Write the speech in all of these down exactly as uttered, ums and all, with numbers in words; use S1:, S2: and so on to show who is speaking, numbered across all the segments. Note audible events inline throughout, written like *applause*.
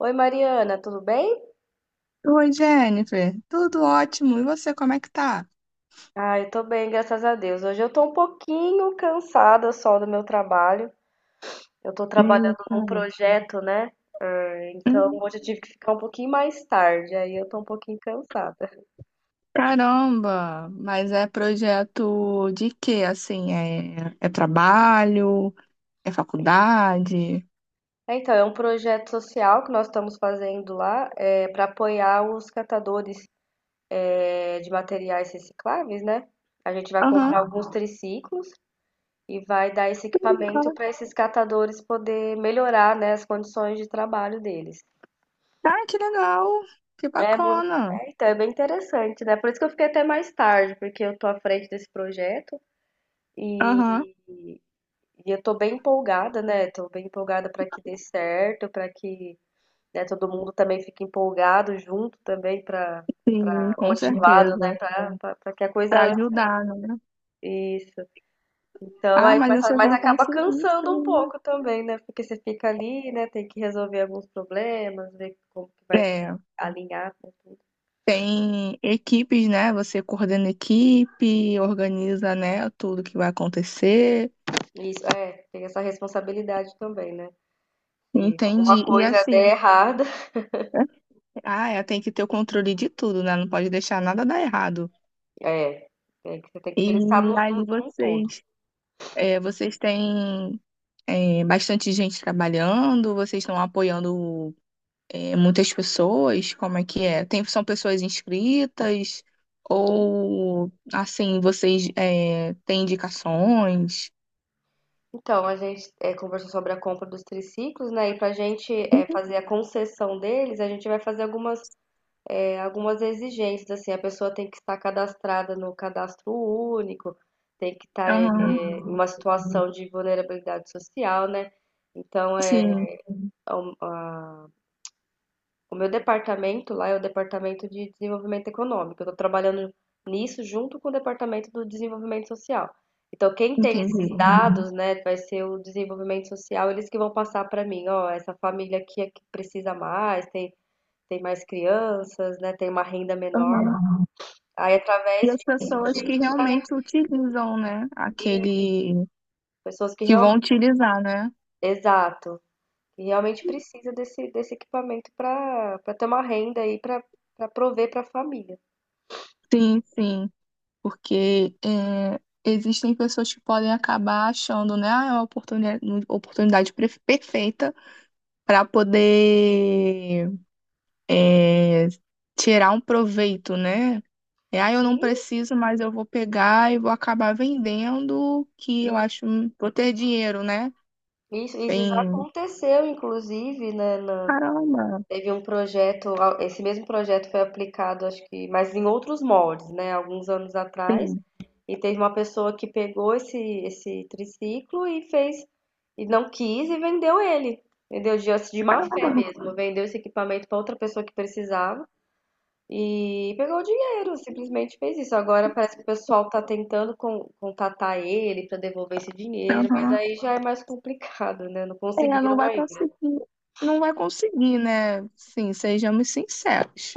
S1: Oi, Mariana, tudo bem?
S2: Oi, Jennifer. Tudo ótimo. E você, como é que tá?
S1: Ah, eu tô bem, graças a Deus. Hoje eu tô um pouquinho cansada só do meu trabalho. Eu tô trabalhando
S2: Eita.
S1: num projeto, né? Então
S2: Uhum.
S1: hoje eu tive que ficar um pouquinho mais tarde, aí eu tô um pouquinho cansada.
S2: Caramba! Mas é projeto de quê? Assim, é, é trabalho? É faculdade?
S1: É, Então, é um projeto social que nós estamos fazendo lá, é, para apoiar os catadores, é, de materiais recicláveis, né? A gente vai
S2: Aham,
S1: comprar alguns triciclos e vai dar esse equipamento
S2: legal.
S1: para esses catadores poder melhorar, né, as condições de trabalho deles.
S2: Ah, que legal! Que
S1: É muito.
S2: bacana!
S1: É, então, é bem interessante, né? Por isso que eu fiquei até mais tarde, porque eu tô à frente desse projeto e,
S2: Aham,
S1: e eu tô bem empolgada, né? Tô bem empolgada para que dê certo, para que, né, todo mundo também fique empolgado junto também para
S2: sim,
S1: para
S2: com
S1: motivado, né?
S2: certeza.
S1: Para que a coisa
S2: Pra
S1: ande.
S2: ajudar, né?
S1: Isso. Então,
S2: Ah,
S1: aí,
S2: mas
S1: mas,
S2: você
S1: mas
S2: já
S1: acaba
S2: conseguiu,
S1: cansando um
S2: sim.
S1: pouco também, né? Porque você fica ali, né? Tem que resolver alguns problemas, ver como que vai
S2: É,
S1: alinhar.
S2: tem equipes, né? Você coordena equipe, organiza, né, tudo que vai acontecer.
S1: Isso, é, tem essa responsabilidade também, né? Se alguma
S2: Entendi. E
S1: coisa
S2: assim,
S1: der
S2: *laughs*
S1: errada,
S2: né? ah, ela tem que ter o controle de tudo, né? Não pode deixar nada dar errado.
S1: é, é que você tem que pensar no,
S2: E ali
S1: no, num todo.
S2: vocês, é, vocês têm é, bastante gente trabalhando, vocês estão apoiando é, muitas pessoas, como é que é? Tem, são pessoas inscritas ou assim, vocês é, têm indicações?
S1: Então, a gente é, conversou sobre a compra dos triciclos, né? E pra gente é, fazer a concessão deles, a gente vai fazer algumas, é, algumas exigências, assim, a pessoa tem que estar cadastrada no cadastro único, tem que estar é,
S2: Aham,
S1: em uma situação de vulnerabilidade social, né? Então, é,
S2: sim,
S1: é um, a- o meu departamento lá é o departamento de desenvolvimento econômico. Eu estou trabalhando nisso junto com o departamento do desenvolvimento social. Então, quem tem esses
S2: entendi.
S1: dados, né, vai ser o desenvolvimento social, eles que vão passar para mim, ó, essa família aqui é que precisa mais, tem, tem mais crianças, né, tem uma renda menor.
S2: Aham.
S1: Aí, através
S2: E as
S1: disso, a
S2: pessoas
S1: gente
S2: que
S1: vai,
S2: realmente utilizam, né, aquele
S1: pessoas que
S2: que vão
S1: realmente,
S2: utilizar, né?
S1: exato, que realmente precisa desse, desse equipamento para para ter uma renda aí para para prover para a família.
S2: Sim, sim, porque é, existem pessoas que podem acabar achando, né, ah, é uma oportunidade, oportunidade pre- perfeita para poder é, tirar um proveito, né? É, ah, eu não
S1: E,
S2: preciso, mas eu vou pegar e vou acabar vendendo, que eu acho, vou ter dinheiro, né?
S1: Isso, isso já
S2: Tem,
S1: aconteceu, inclusive, né, na-
S2: caramba,
S1: teve um projeto, a- esse mesmo projeto foi aplicado, acho que, mas em outros moldes, né, alguns anos atrás,
S2: tem,
S1: e teve uma pessoa que pegou esse, esse triciclo e fez, e não quis e vendeu ele, vendeu de, de má fé
S2: caramba,
S1: mesmo, vendeu esse equipamento para outra pessoa que precisava, e pegou o dinheiro, simplesmente fez isso. Agora parece que o pessoal tá tentando con- contatar ele pra devolver esse dinheiro, mas
S2: aham.
S1: aí já é mais complicado, né? Não
S2: Ela não
S1: conseguiram
S2: vai
S1: ainda.
S2: conseguir, não vai conseguir, né? Sim, sejamos sinceros.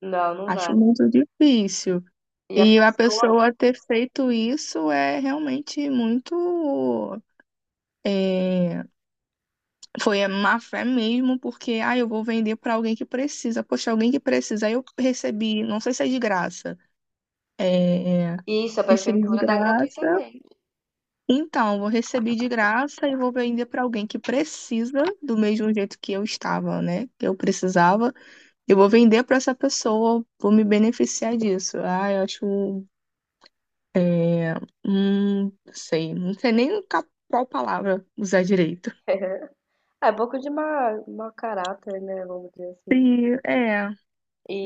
S1: Não, não vai.
S2: Acho muito difícil.
S1: E a
S2: E a
S1: pessoa.
S2: pessoa ter feito isso é realmente muito. É, foi a má fé mesmo, porque, ah, eu vou vender para alguém que precisa. Poxa, alguém que precisa. Aí eu recebi, não sei se é de graça. É,
S1: Isso, a
S2: recebi de
S1: prefeitura dá
S2: graça.
S1: gratuitamente.
S2: Então, vou receber de graça e vou vender para alguém que precisa, do mesmo jeito que eu estava, né? Que eu precisava. Eu vou vender para essa pessoa, vou me beneficiar disso. Ah, eu acho. É, hum, não sei, não sei nem ca- qual palavra usar direito.
S1: *laughs* É pouco de má, mau caráter, né? Vamos dizer assim.
S2: E, é,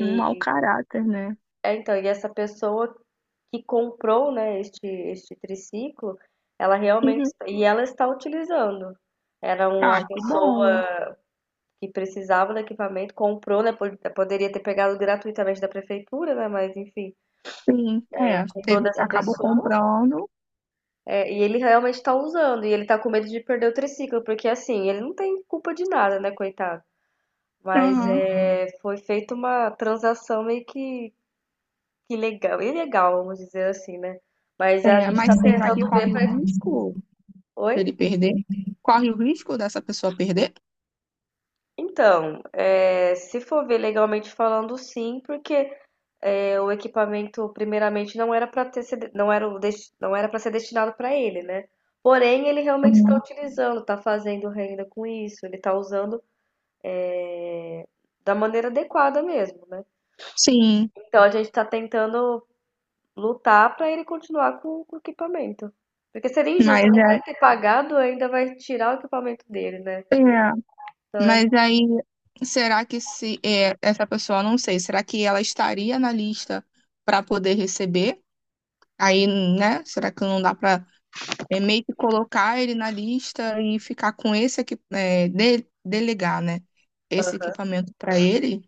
S2: um mau caráter, né?
S1: é, então, e essa pessoa que comprou, né, este, este triciclo, ela realmente.
S2: Uhum.
S1: E ela está utilizando. Era uma
S2: Ah, que bom.
S1: pessoa que precisava do equipamento, comprou, né? po- Poderia ter pegado gratuitamente da prefeitura, né? Mas enfim,
S2: Sim, é.
S1: comprou
S2: Teve,
S1: dessa
S2: acabou
S1: pessoa.
S2: comprando.
S1: É, e ele realmente está usando, e ele tá com medo de perder o triciclo, porque assim, ele não tem culpa de nada, né, coitado? Mas
S2: Aham.
S1: é, foi feita uma transação meio que, que legal, ilegal, vamos dizer assim, né? Mas a
S2: É,
S1: gente tá
S2: mas será que
S1: tentando ver
S2: corre o
S1: pra...
S2: risco de
S1: Oi?
S2: ele perder? Corre o risco dessa pessoa perder?
S1: Então, é, se for ver legalmente falando, sim, porque é, o equipamento primeiramente não era para ter sido- não era o desti- não era para ser destinado para ele, né? Porém, ele realmente está
S2: Hum.
S1: utilizando, está fazendo renda com isso, ele está usando é, da maneira adequada mesmo, né?
S2: Sim,
S1: Então a gente está tentando lutar para ele continuar com, com o equipamento. Porque seria
S2: mas
S1: injusto, além
S2: é,
S1: de ele ter pagado, ainda vai tirar o equipamento dele, né?
S2: é, mas aí será que se é, essa pessoa, não sei, será que ela estaria na lista para poder receber? Aí, né? Será que não dá para meio que colocar ele na lista e ficar com esse aqui, é, de- delegar, né? Esse
S1: Aham.
S2: equipamento para ele?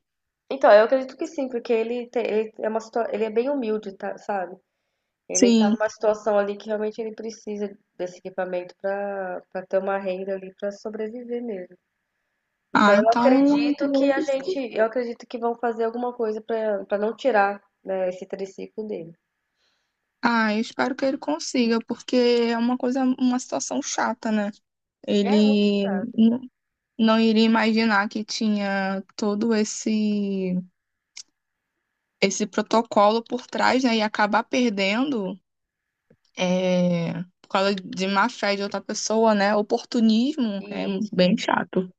S1: Então, eu acredito que sim, porque ele, tem, ele é uma situa- ele é bem humilde, tá, sabe? Ele tá
S2: Sim.
S1: numa situação ali que realmente ele precisa desse equipamento para para ter uma renda ali para sobreviver mesmo. Então
S2: Ah,
S1: eu
S2: então,
S1: acredito que
S2: às
S1: a
S2: vezes,
S1: gente, eu acredito que vão fazer alguma coisa para para não tirar, né, esse triciclo dele.
S2: ah, eu espero que ele consiga, porque é uma coisa, uma situação chata, né?
S1: É muito
S2: Ele
S1: chato.
S2: n- não iria imaginar que tinha todo esse esse protocolo por trás, né, e acabar perdendo é, por causa de má fé de outra pessoa, né? Oportunismo é
S1: Isso.
S2: bem chato.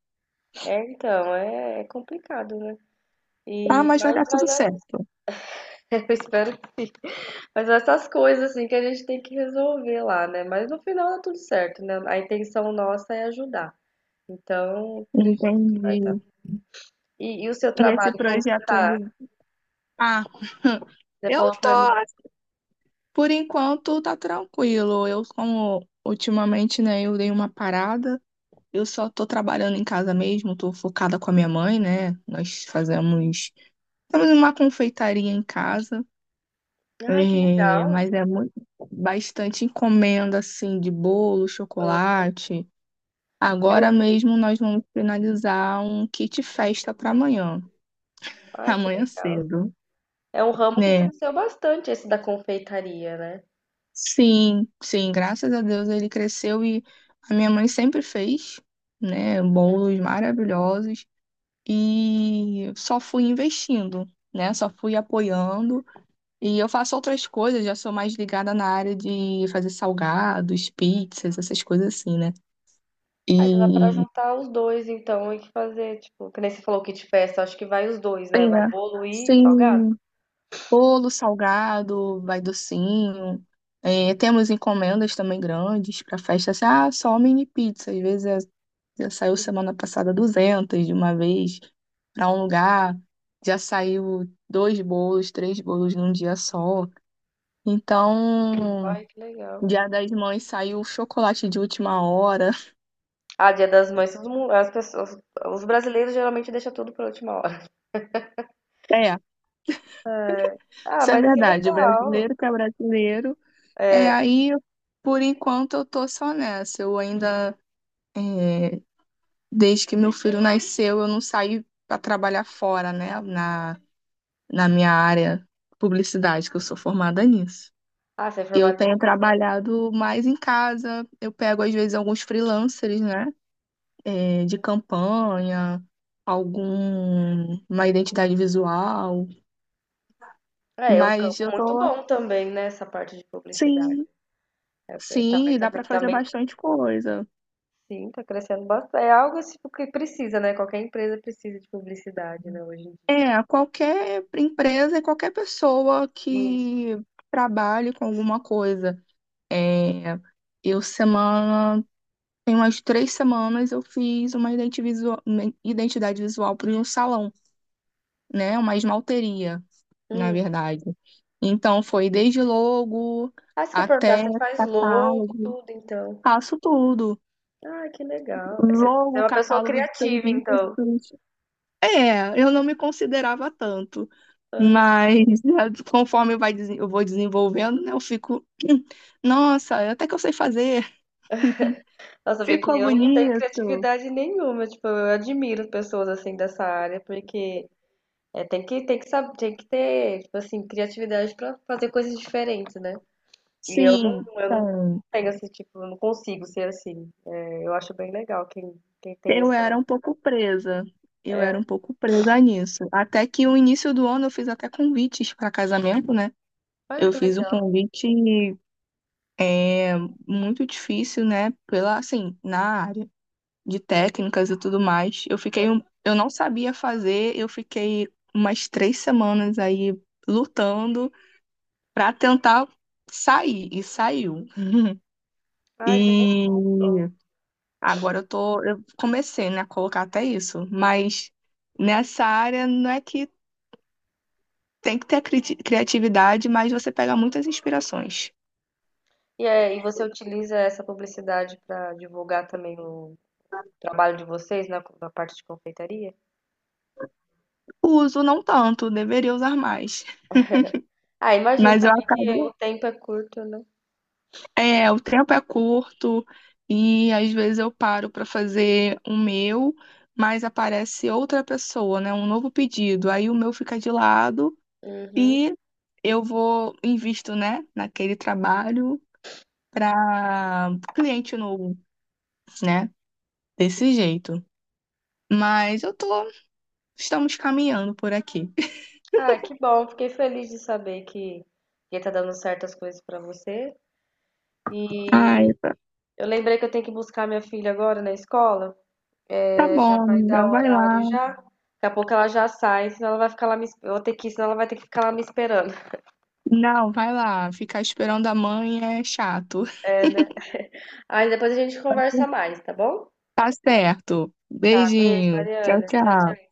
S1: É, então, é, é complicado, né?
S2: Ah,
S1: E
S2: mas vai dar
S1: mas vai
S2: tudo
S1: dar,
S2: certo.
S1: *laughs* eu espero, mas essas coisas assim que a gente tem que resolver lá, né? Mas no final dá tudo certo, né? A intenção nossa é ajudar. Então, acredito que vai
S2: Entendi.
S1: dar. E e o seu
S2: E esse
S1: trabalho, como que
S2: projeto,
S1: tá?
S2: ele... Ah,
S1: Você
S2: eu
S1: falou
S2: tô,
S1: pra mim
S2: por enquanto, tá tranquilo. Eu, como ultimamente, né, eu dei uma parada. Eu só tô trabalhando em casa mesmo, tô focada com a minha mãe, né? Nós fazemos, temos uma confeitaria em casa.
S1: ah que
S2: É,
S1: legal".
S2: mas é muito, bastante encomenda assim de bolo,
S1: Hã.
S2: chocolate.
S1: É um
S2: Agora mesmo nós vamos finalizar um kit festa para amanhã, *laughs*
S1: ah que
S2: amanhã
S1: legal.
S2: cedo,
S1: É um ramo que
S2: né?
S1: cresceu bastante esse da confeitaria, né.
S2: Sim, sim, graças a Deus ele cresceu e a minha mãe sempre fez, né,
S1: Sim.
S2: bolos maravilhosos e só fui investindo, né? Só fui apoiando e eu faço outras coisas, já sou mais ligada na área de fazer salgados, pizzas, essas coisas assim, né?
S1: Ah, então dá pra
S2: E
S1: juntar os dois então e fazer, tipo, que nem você falou kit festa, acho que vai os dois
S2: é,
S1: né, vai bolo e salgado?
S2: sim, bolo salgado, vai docinho. É, temos encomendas também grandes para festa, assim, ah, só mini pizza. Às vezes é, já saiu semana passada duzentas de uma vez para um lugar, já saiu dois bolos, três bolos num dia só. Então,
S1: Ai, que legal.
S2: Dia das Mães saiu chocolate de última hora. *laughs*
S1: Ah, Dia das Mães todo mun as pessoas os brasileiros geralmente deixa tudo pra última hora. *laughs*
S2: É,
S1: Ah,
S2: isso é
S1: mas que
S2: verdade. O
S1: legal.
S2: brasileiro que é brasileiro. É,
S1: É.
S2: aí, por enquanto, eu tô só nessa. Eu ainda, é, desde que meu filho nasceu, eu não saí para trabalhar fora, né? Na, na minha área publicidade, que eu sou formada nisso.
S1: Ah, você é
S2: Eu
S1: formada
S2: tenho
S1: em
S2: trabalhado mais em casa. Eu pego, às vezes, alguns freelancers, né? É, de campanha, algum uma identidade visual.
S1: é, é um
S2: Mas
S1: campo
S2: eu
S1: muito
S2: tô.
S1: bom também, né, essa parte de publicidade.
S2: Sim,
S1: É, também,
S2: sim, dá
S1: também,
S2: para fazer
S1: também,
S2: bastante coisa.
S1: sim, tá crescendo bastante. É algo tipo, que precisa, né? Qualquer empresa precisa de publicidade, né, hoje em
S2: É, a qualquer empresa e qualquer pessoa
S1: dia. Isso.
S2: que trabalhe com alguma coisa. É, eu semana, tem umas três semanas eu fiz uma identi- visua- identidade visual para um salão, né? Uma esmalteria, na
S1: Hum.
S2: verdade. Então foi desde logo
S1: Ah, você quer perguntar,
S2: até
S1: você faz logo,
S2: catálogo.
S1: tudo, então.
S2: Faço tudo.
S1: Ah, que legal. Você é
S2: Logo,
S1: uma pessoa
S2: catálogo de
S1: criativa, então.
S2: serviços. É, eu não me considerava tanto.
S1: Aham.
S2: Mas *laughs* conforme vai, desen- eu vou desenvolvendo, né, eu fico, *clears throat* nossa, até que eu sei fazer,
S1: Nossa,
S2: *laughs*
S1: vê que
S2: ficou
S1: eu não tenho
S2: bonito.
S1: criatividade nenhuma. Tipo, eu admiro pessoas assim dessa área, porque é, tem que, tem que saber, tem que ter, tipo assim, criatividade pra fazer coisas diferentes, né? E eu não,
S2: Sim,
S1: eu não
S2: então,
S1: tenho esse tipo, eu não consigo ser assim. É, eu acho bem legal quem, quem tem
S2: eu era
S1: essa.
S2: um pouco presa. Eu era um pouco presa nisso. Até que no início do ano eu fiz até convites para casamento, né?
S1: Olha
S2: Eu
S1: que
S2: fiz um
S1: legal.
S2: convite é, muito difícil, né? Pela, assim, na área de técnicas e tudo mais. Eu fiquei, um- eu não sabia fazer, eu fiquei umas três semanas aí lutando para tentar sair e saiu. *laughs*
S1: Ai, que legal.
S2: E agora eu tô, eu comecei, né, a colocar até isso, mas nessa área não é que tem que ter cri- criatividade, mas você pega muitas inspirações.
S1: E, é, e você utiliza essa publicidade para divulgar também o trabalho de vocês na, na parte de confeitaria?
S2: Uso não tanto, deveria usar mais,
S1: Ah, imagino
S2: mas eu
S1: também que o
S2: acabo
S1: tempo é curto, né?
S2: é, o tempo é curto e às vezes eu paro para fazer o meu, mas aparece outra pessoa, né? Um novo pedido. Aí o meu fica de lado
S1: Uhum.
S2: e eu vou, invisto, né, naquele trabalho para cliente novo, né? Desse jeito. Mas eu tô, estamos caminhando por aqui.
S1: Ah, que bom. Fiquei feliz de saber que que tá dando certas coisas para você. E
S2: Ai,
S1: eu lembrei que eu tenho que buscar minha filha agora na escola.
S2: tá
S1: Já
S2: bom,
S1: vai
S2: amiga,
S1: dar o
S2: vai lá.
S1: horário já. Daqui a pouco ela já sai, senão ela vai ficar lá me, es- eu vou ter que, ir, senão ela vai ter que ficar lá me esperando.
S2: Não, vai lá. Ficar esperando a mãe é chato.
S1: É, né? *laughs* Aí depois a gente conversa mais, tá bom?
S2: Tá certo.
S1: Tá, beijo,
S2: Beijinho. Tchau,
S1: Mariana. Tchau, tchau.
S2: tchau.